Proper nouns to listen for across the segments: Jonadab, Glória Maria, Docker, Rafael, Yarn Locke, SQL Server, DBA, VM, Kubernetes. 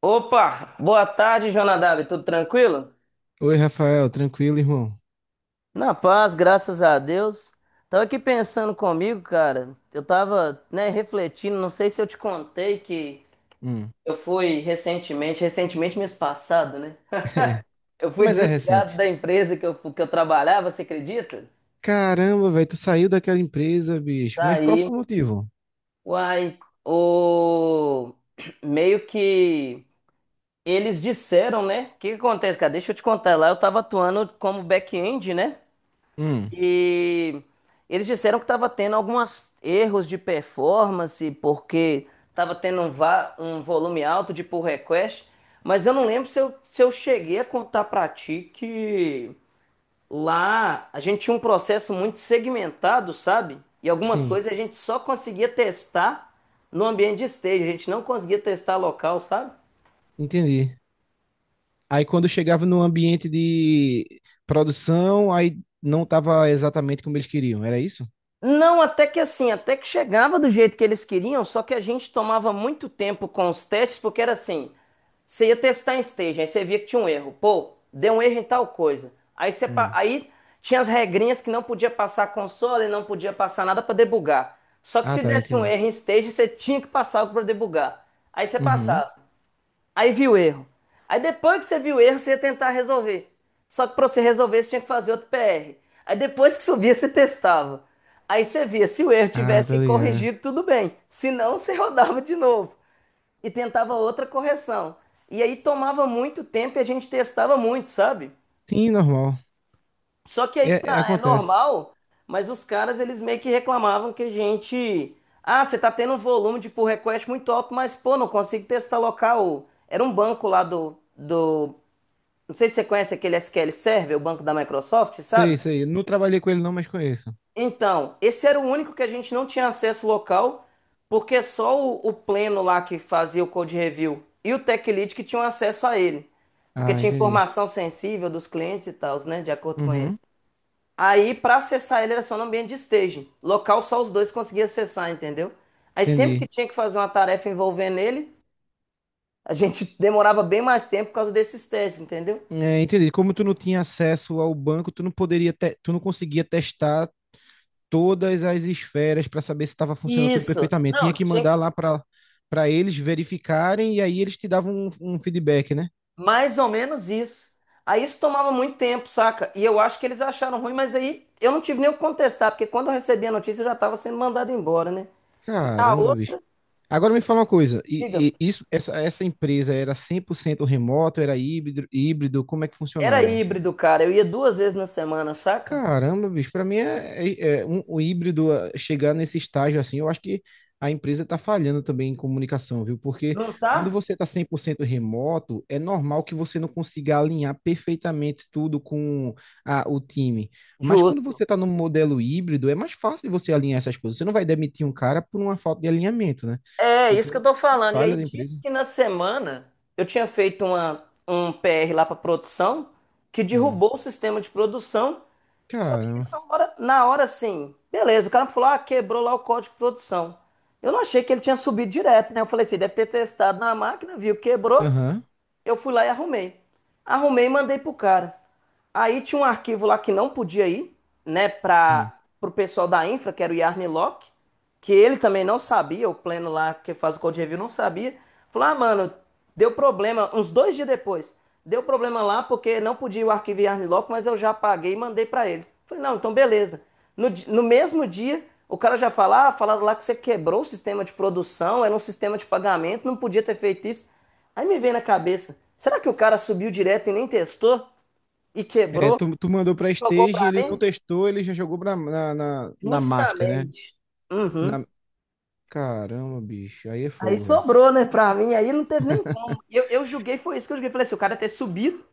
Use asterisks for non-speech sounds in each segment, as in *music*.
Opa, boa tarde, Jonadab, tudo tranquilo? Oi, Rafael, tranquilo, irmão? Na paz, graças a Deus. Tava aqui pensando comigo, cara. Eu tava, né, refletindo, não sei se eu te contei que Hum, eu fui recentemente, recentemente mês passado, né? *laughs* é. Eu fui Mas é desligado recente. da empresa que que eu trabalhava, você acredita? Caramba, velho, tu saiu daquela empresa, bicho. Mas qual Saí, foi o motivo? uai, o meio que eles disseram, né? O que que acontece, cara? Deixa eu te contar lá, eu tava atuando como back-end, né? Hum, E eles disseram que estava tendo alguns erros de performance, porque estava tendo um volume alto de pull request, mas eu não lembro se eu cheguei a contar para ti que lá a gente tinha um processo muito segmentado, sabe? E algumas sim, coisas a gente só conseguia testar no ambiente de stage, a gente não conseguia testar local, sabe? entendi. Aí quando chegava no ambiente de produção, aí não tava exatamente como eles queriam, era isso? Não, até que assim, até que chegava do jeito que eles queriam, só que a gente tomava muito tempo com os testes, porque era assim, você ia testar em stage, aí você via que tinha um erro, pô, deu um erro em tal coisa. Aí você, pa- Hum. aí tinha as regrinhas que não podia passar console, não podia passar nada para debugar. Só que Ah, se tá, desse um entendi. erro em stage, você tinha que passar algo para debugar. Aí você Uhum. passava. Aí viu o erro. Aí depois que você viu o erro, você ia tentar resolver. Só que para você resolver, você tinha que fazer outro PR. Aí depois que subia, você testava. Aí você via, se o erro Ah, tivesse tá ligado. corrigido, tudo bem. Se não, você *laughs* rodava de novo e tentava outra correção. E aí tomava muito tempo e a gente testava muito, sabe? Sim, normal. Só que aí que É, tá, é acontece. normal, mas os caras eles meio que reclamavam que a gente, ah, você tá tendo um volume de pull request muito alto, mas pô, não consigo testar local. Era um banco lá do não sei se você conhece aquele SQL Server, o banco da Microsoft, Sei, sabe? sei. Eu não trabalhei com ele não, mas conheço. Então, esse era o único que a gente não tinha acesso local, porque só o pleno lá que fazia o code review e o tech lead que tinham acesso a ele, porque Ah, tinha entendi. informação sensível dos clientes e tal, né, de acordo com ele. Uhum. Aí, para acessar ele, era só no ambiente de staging. Local, só os dois conseguiam acessar, entendeu? Aí, sempre que Entendi. tinha que fazer uma tarefa envolvendo ele, a gente *laughs* demorava bem mais tempo por causa desses testes, entendeu? É, entendi. Como tu não tinha acesso ao banco, tu não conseguia testar todas as esferas para saber se estava funcionando tudo Isso. perfeitamente. Tinha Não, que tinha. mandar lá para eles verificarem e aí eles te davam um feedback, né? Mais ou menos isso. Aí isso tomava muito tempo, saca? E eu acho que eles acharam ruim, mas aí eu não tive nem o que contestar, porque quando eu recebi a notícia eu já estava sendo mandado embora, né? E a Caramba, bicho. outra, Agora me fala uma coisa, diga, e essa empresa era 100% remoto, era híbrido, como é que era funcionava? híbrido, cara. Eu ia 2 vezes na semana, saca? Caramba, bicho, pra mim é o híbrido ah, chegar nesse estágio assim, eu acho que a empresa tá falhando também em comunicação, viu? Porque Não quando tá? você tá 100% remoto, é normal que você não consiga alinhar perfeitamente tudo com o time. Mas quando Justo. você tá num modelo híbrido, é mais fácil você alinhar essas coisas. Você não vai demitir um cara por uma falta de alinhamento, né? É isso que eu Então, tô que falando. E falha aí da empresa. disse que na semana eu tinha feito uma, um PR lá pra produção que Hum. derrubou o sistema de produção. Só que Caramba. Na hora sim beleza, o cara me falou, ah, quebrou lá o código de produção. Eu não achei que ele tinha subido direto, né? Eu falei assim, deve ter testado na máquina, viu, quebrou. Aham. Eu fui lá e arrumei. Arrumei e mandei pro cara. Aí tinha um arquivo lá que não podia ir, né, para Sim. pro pessoal da infra, que era o Yarn Locke, que ele também não sabia, o pleno lá que faz o code review não sabia. Falou: "Ah, mano, deu problema uns dois dias depois. Deu problema lá porque não podia o arquivo Yarn Locke, mas eu já paguei e mandei para eles". Falei: "Não, então beleza". No mesmo dia, o cara já fala, ah, falaram lá que você quebrou o sistema de produção, era um sistema de pagamento, não podia ter feito isso. Aí me veio na cabeça, será que o cara subiu direto e nem testou? E É, quebrou? tu mandou pra Jogou Stage, pra ele não mim? testou, ele já jogou na Master, né? Justamente. Uhum. Na... Caramba, bicho, aí é Aí fogo, velho. sobrou, né, pra mim, aí não teve nem como. Eu julguei, foi isso que eu julguei. Falei assim, o cara ter subido,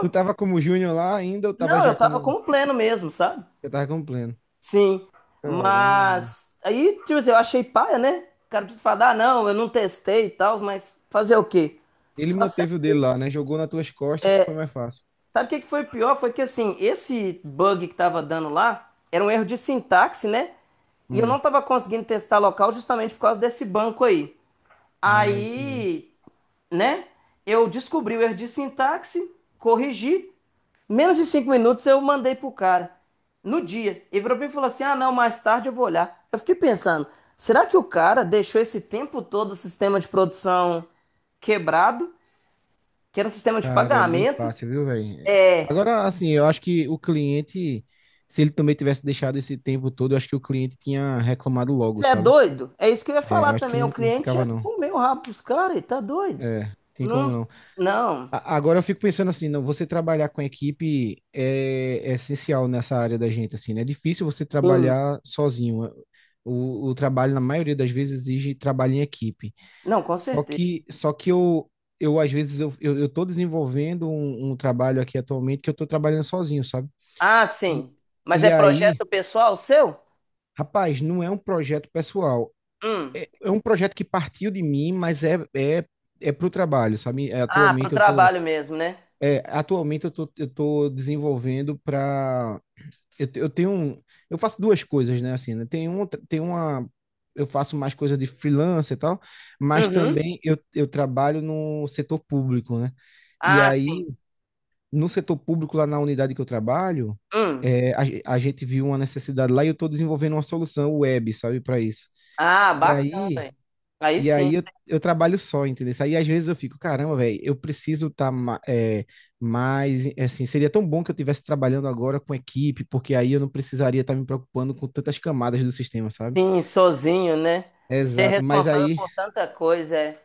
Tu tava como Júnior lá ainda ou tava Não, eu já tava como. com o pleno mesmo, sabe? Eu tava como pleno. Sim, Caramba, bicho. mas aí, tipo assim, eu achei paia, né? O cara tudo fala, ah, não, eu não testei e tal, mas fazer o quê? Ele Só manteve o dele aceitei. lá, né? Jogou nas tuas costas que foi mais fácil. Sabe o que que foi pior? Foi que assim, esse bug que tava dando lá era um erro de sintaxe, né? E eu Hum. não tava conseguindo testar local justamente por causa desse banco aí. Ah, entendi. Aí, né? Eu descobri o erro de sintaxe, corrigi. Menos de 5 minutos eu mandei pro cara. No dia. Ele virou pra mim e falou assim: Ah, não, mais tarde eu vou olhar. Eu fiquei pensando, será que o cara deixou esse tempo todo o sistema de produção quebrado? Que era um sistema de Cara, é bem pagamento? fácil, viu, velho? É. Agora, assim, eu acho que o cliente, se ele também tivesse deixado esse tempo todo, eu acho que o cliente tinha reclamado logo, Você é sabe? doido? É isso que eu ia É, eu falar acho que também. O não, não cliente ficava, ia não. comer o rabo dos caras, ele tá doido? É, tem como Não, não. não, Agora eu fico pensando assim, não, você trabalhar com equipe é essencial nessa área da gente, assim, né? É difícil você sim, trabalhar sozinho. O trabalho, na maioria das vezes, exige trabalho em equipe. não, com Só certeza. que, só que eu às vezes, eu tô desenvolvendo um trabalho aqui atualmente que eu tô trabalhando sozinho, sabe? Ah, E sim. Mas e é aí, projeto pessoal seu? rapaz, não é um projeto pessoal. Hum. É um projeto que partiu de mim, mas é pro trabalho, sabe? É, Ah, pro Atualmente eu tô trabalho mesmo, né? É, atualmente eu tô desenvolvendo para eu, te- eu tenho um- eu faço duas coisas, né, assim, né? Tem um, tem uma eu faço mais coisa de freelancer e tal, mas Uhum. também eu trabalho no setor público, né? E Ah, sim. aí, no setor público lá na unidade que eu trabalho, Hum. A gente viu uma necessidade lá e eu estou desenvolvendo uma solução web, sabe, para isso. Ah, E bacana, aí, hein? Aí e sim. aí eu trabalho só, entendeu? Aí às vezes eu fico, caramba, velho, eu preciso estar mais, assim, seria tão bom que eu estivesse trabalhando agora com equipe, porque aí eu não precisaria estar me preocupando com tantas camadas do sistema, sabe? Sim, sozinho, né? Ser Exato, mas responsável aí, por tanta coisa, é.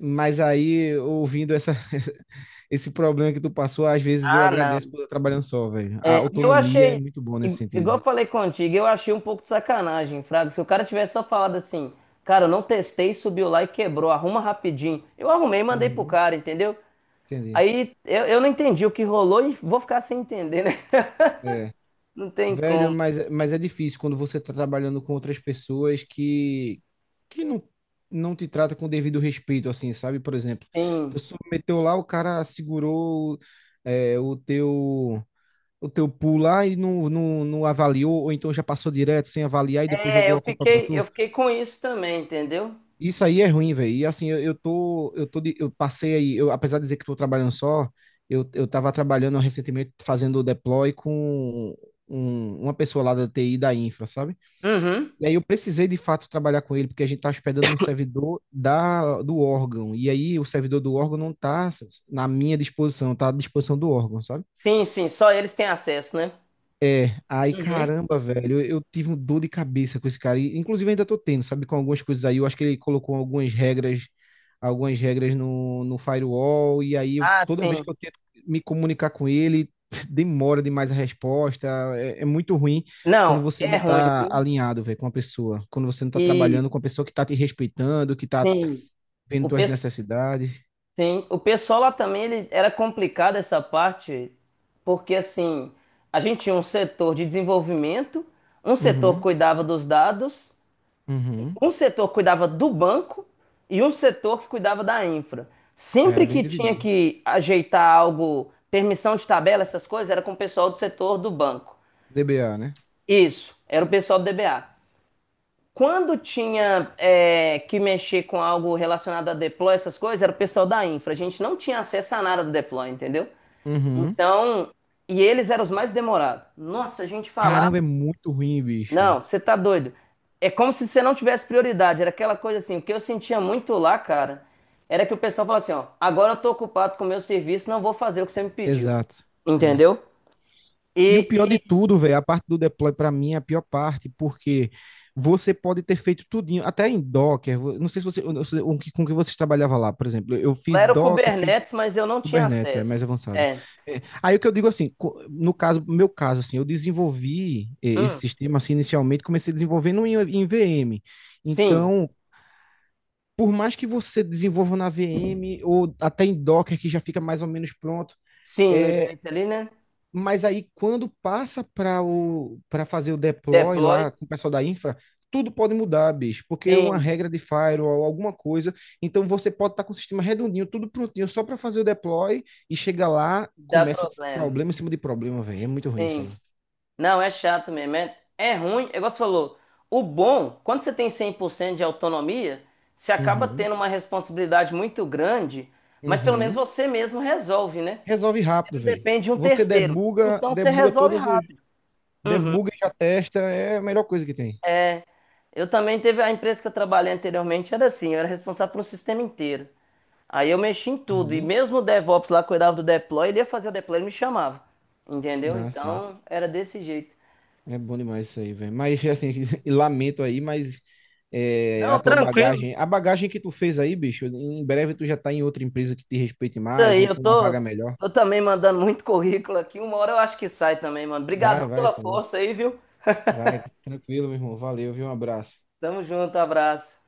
mas aí, ouvindo *laughs* esse problema que tu passou, às vezes eu Ah, agradeço não. por estar trabalhando só, velho. A É, e eu autonomia é achei, muito boa nesse igual sentido. eu falei contigo, eu achei um pouco de sacanagem, Fraga. Se o cara tivesse só falado assim, cara, eu não testei, subiu lá e quebrou, arruma rapidinho. Eu arrumei e mandei pro Uhum, cara, entendeu? entendi. Aí eu não entendi o que rolou e vou ficar sem entender, né? *laughs* É. Não tem Velho, como. mas é difícil quando você tá trabalhando com outras pessoas que não te trata com o devido respeito, assim, sabe? Por exemplo, tu Sim. submeteu lá, o cara segurou é, o teu o teu pool lá e não avaliou, ou então já passou direto sem avaliar e depois É, jogou eu a culpa pra fiquei, eu tu. fiquei com isso também, entendeu? Isso aí é ruim, velho. E assim, eu passei aí, apesar de dizer que tô trabalhando só, eu tava trabalhando recentemente fazendo deploy com uma pessoa lá da TI da infra, sabe? Uhum. E aí eu precisei de fato trabalhar com ele, porque a gente está hospedando no servidor do órgão. E aí o servidor do órgão não está na minha disposição, está à disposição do órgão, sabe? Sim, sim, só eles têm acesso, né? É, aí Uhum. caramba, velho, eu tive um dor de cabeça com esse cara. E, inclusive ainda tô tendo, sabe, com algumas coisas aí. Eu acho que ele colocou algumas regras no firewall, e aí Ah, toda vez que sim. eu tento me comunicar com ele, *laughs* demora demais a resposta. É muito ruim quando Não, você é não ruim. tá alinhado, velho, com uma pessoa. Quando você não tá E trabalhando com uma pessoa que tá te respeitando, que tá sim, vendo o tuas pessoal. necessidades. Sim, o pessoal lá também ele, era complicado essa parte, porque assim, a gente tinha um setor de desenvolvimento, um setor que Uhum, cuidava dos dados, e uhum. um setor que cuidava do banco e um setor que cuidava da infra. Cara, Sempre bem que tinha dividido. que ajeitar algo, permissão de tabela, essas coisas, era com o pessoal do setor do banco. DBA, né? Isso, era o pessoal do DBA. Quando tinha é, que mexer com algo relacionado a deploy, essas coisas, era o pessoal da infra. A gente não tinha acesso a nada do deploy, entendeu? Uhum. Então, e eles eram os mais demorados. Nossa, a gente falava. Caramba, é muito ruim, bicho. Não, você tá doido. É como se você não tivesse prioridade. Era aquela coisa assim, o que eu sentia muito lá, cara, era que o pessoal falava assim, ó, agora eu tô ocupado com o meu serviço, não vou fazer o que você me pediu. Exato. É. Entendeu? E o E, pior de e tudo, velho, a parte do deploy pra mim é a pior parte, porque você pode ter feito tudinho, até em Docker. Não sei se você, eu não sei com que vocês trabalhavam lá, por exemplo. Eu lá fiz era o Docker, fiz Kubernetes, mas eu não tinha Kubernetes, é acesso. mais avançado. É. É, aí o que eu digo assim, no caso, meu caso, assim, eu desenvolvi esse Hum, sistema assim inicialmente, comecei desenvolvendo em VM. sim, Então, por mais que você desenvolva na VM ou até em Docker que já fica mais ou menos pronto. sim, no eh, jeito ali, né? Mas aí, quando passa para fazer o deploy Deploy? lá com o pessoal da infra, tudo pode mudar, bicho, porque uma Sim, regra de firewall, alguma coisa. Então, você pode estar com o sistema redondinho, tudo prontinho, só para fazer o deploy e chega lá, dá começa problema. problema em cima de problema, velho. É muito ruim isso aí. Sim. Não, é chato mesmo. É, é ruim, é igual você falou. O bom, quando você tem 100% de autonomia, você acaba Uhum, tendo uma responsabilidade muito grande, mas pelo menos uhum. você mesmo resolve, né? Resolve Você rápido, não velho. depende de um Você terceiro. debuga, Então você debuga resolve todos os. rápido. Debuga e já testa, é a melhor coisa que tem. Eu também teve a empresa que eu trabalhei anteriormente, era assim, eu era responsável por um sistema inteiro. Aí eu mexi em tudo, e Uhum. mesmo o DevOps lá cuidava do deploy, ele ia fazer o deploy, ele me chamava. Entendeu? Ah, sim. Então era desse jeito. É bom demais isso aí, velho. Mas, assim, *laughs* e lamento aí, mas Não, tranquilo. A bagagem que tu fez aí, bicho, em breve tu já tá em outra empresa que te respeite Isso mais aí, ou eu com uma vaga tô, melhor. tô também mandando muito currículo aqui. Uma hora eu acho que sai também, mano. Obrigadão Vai, vai, pela isso aí. força aí, viu? Vai, tranquilo, meu irmão. Valeu, viu? Um abraço. Tamo junto, abraço.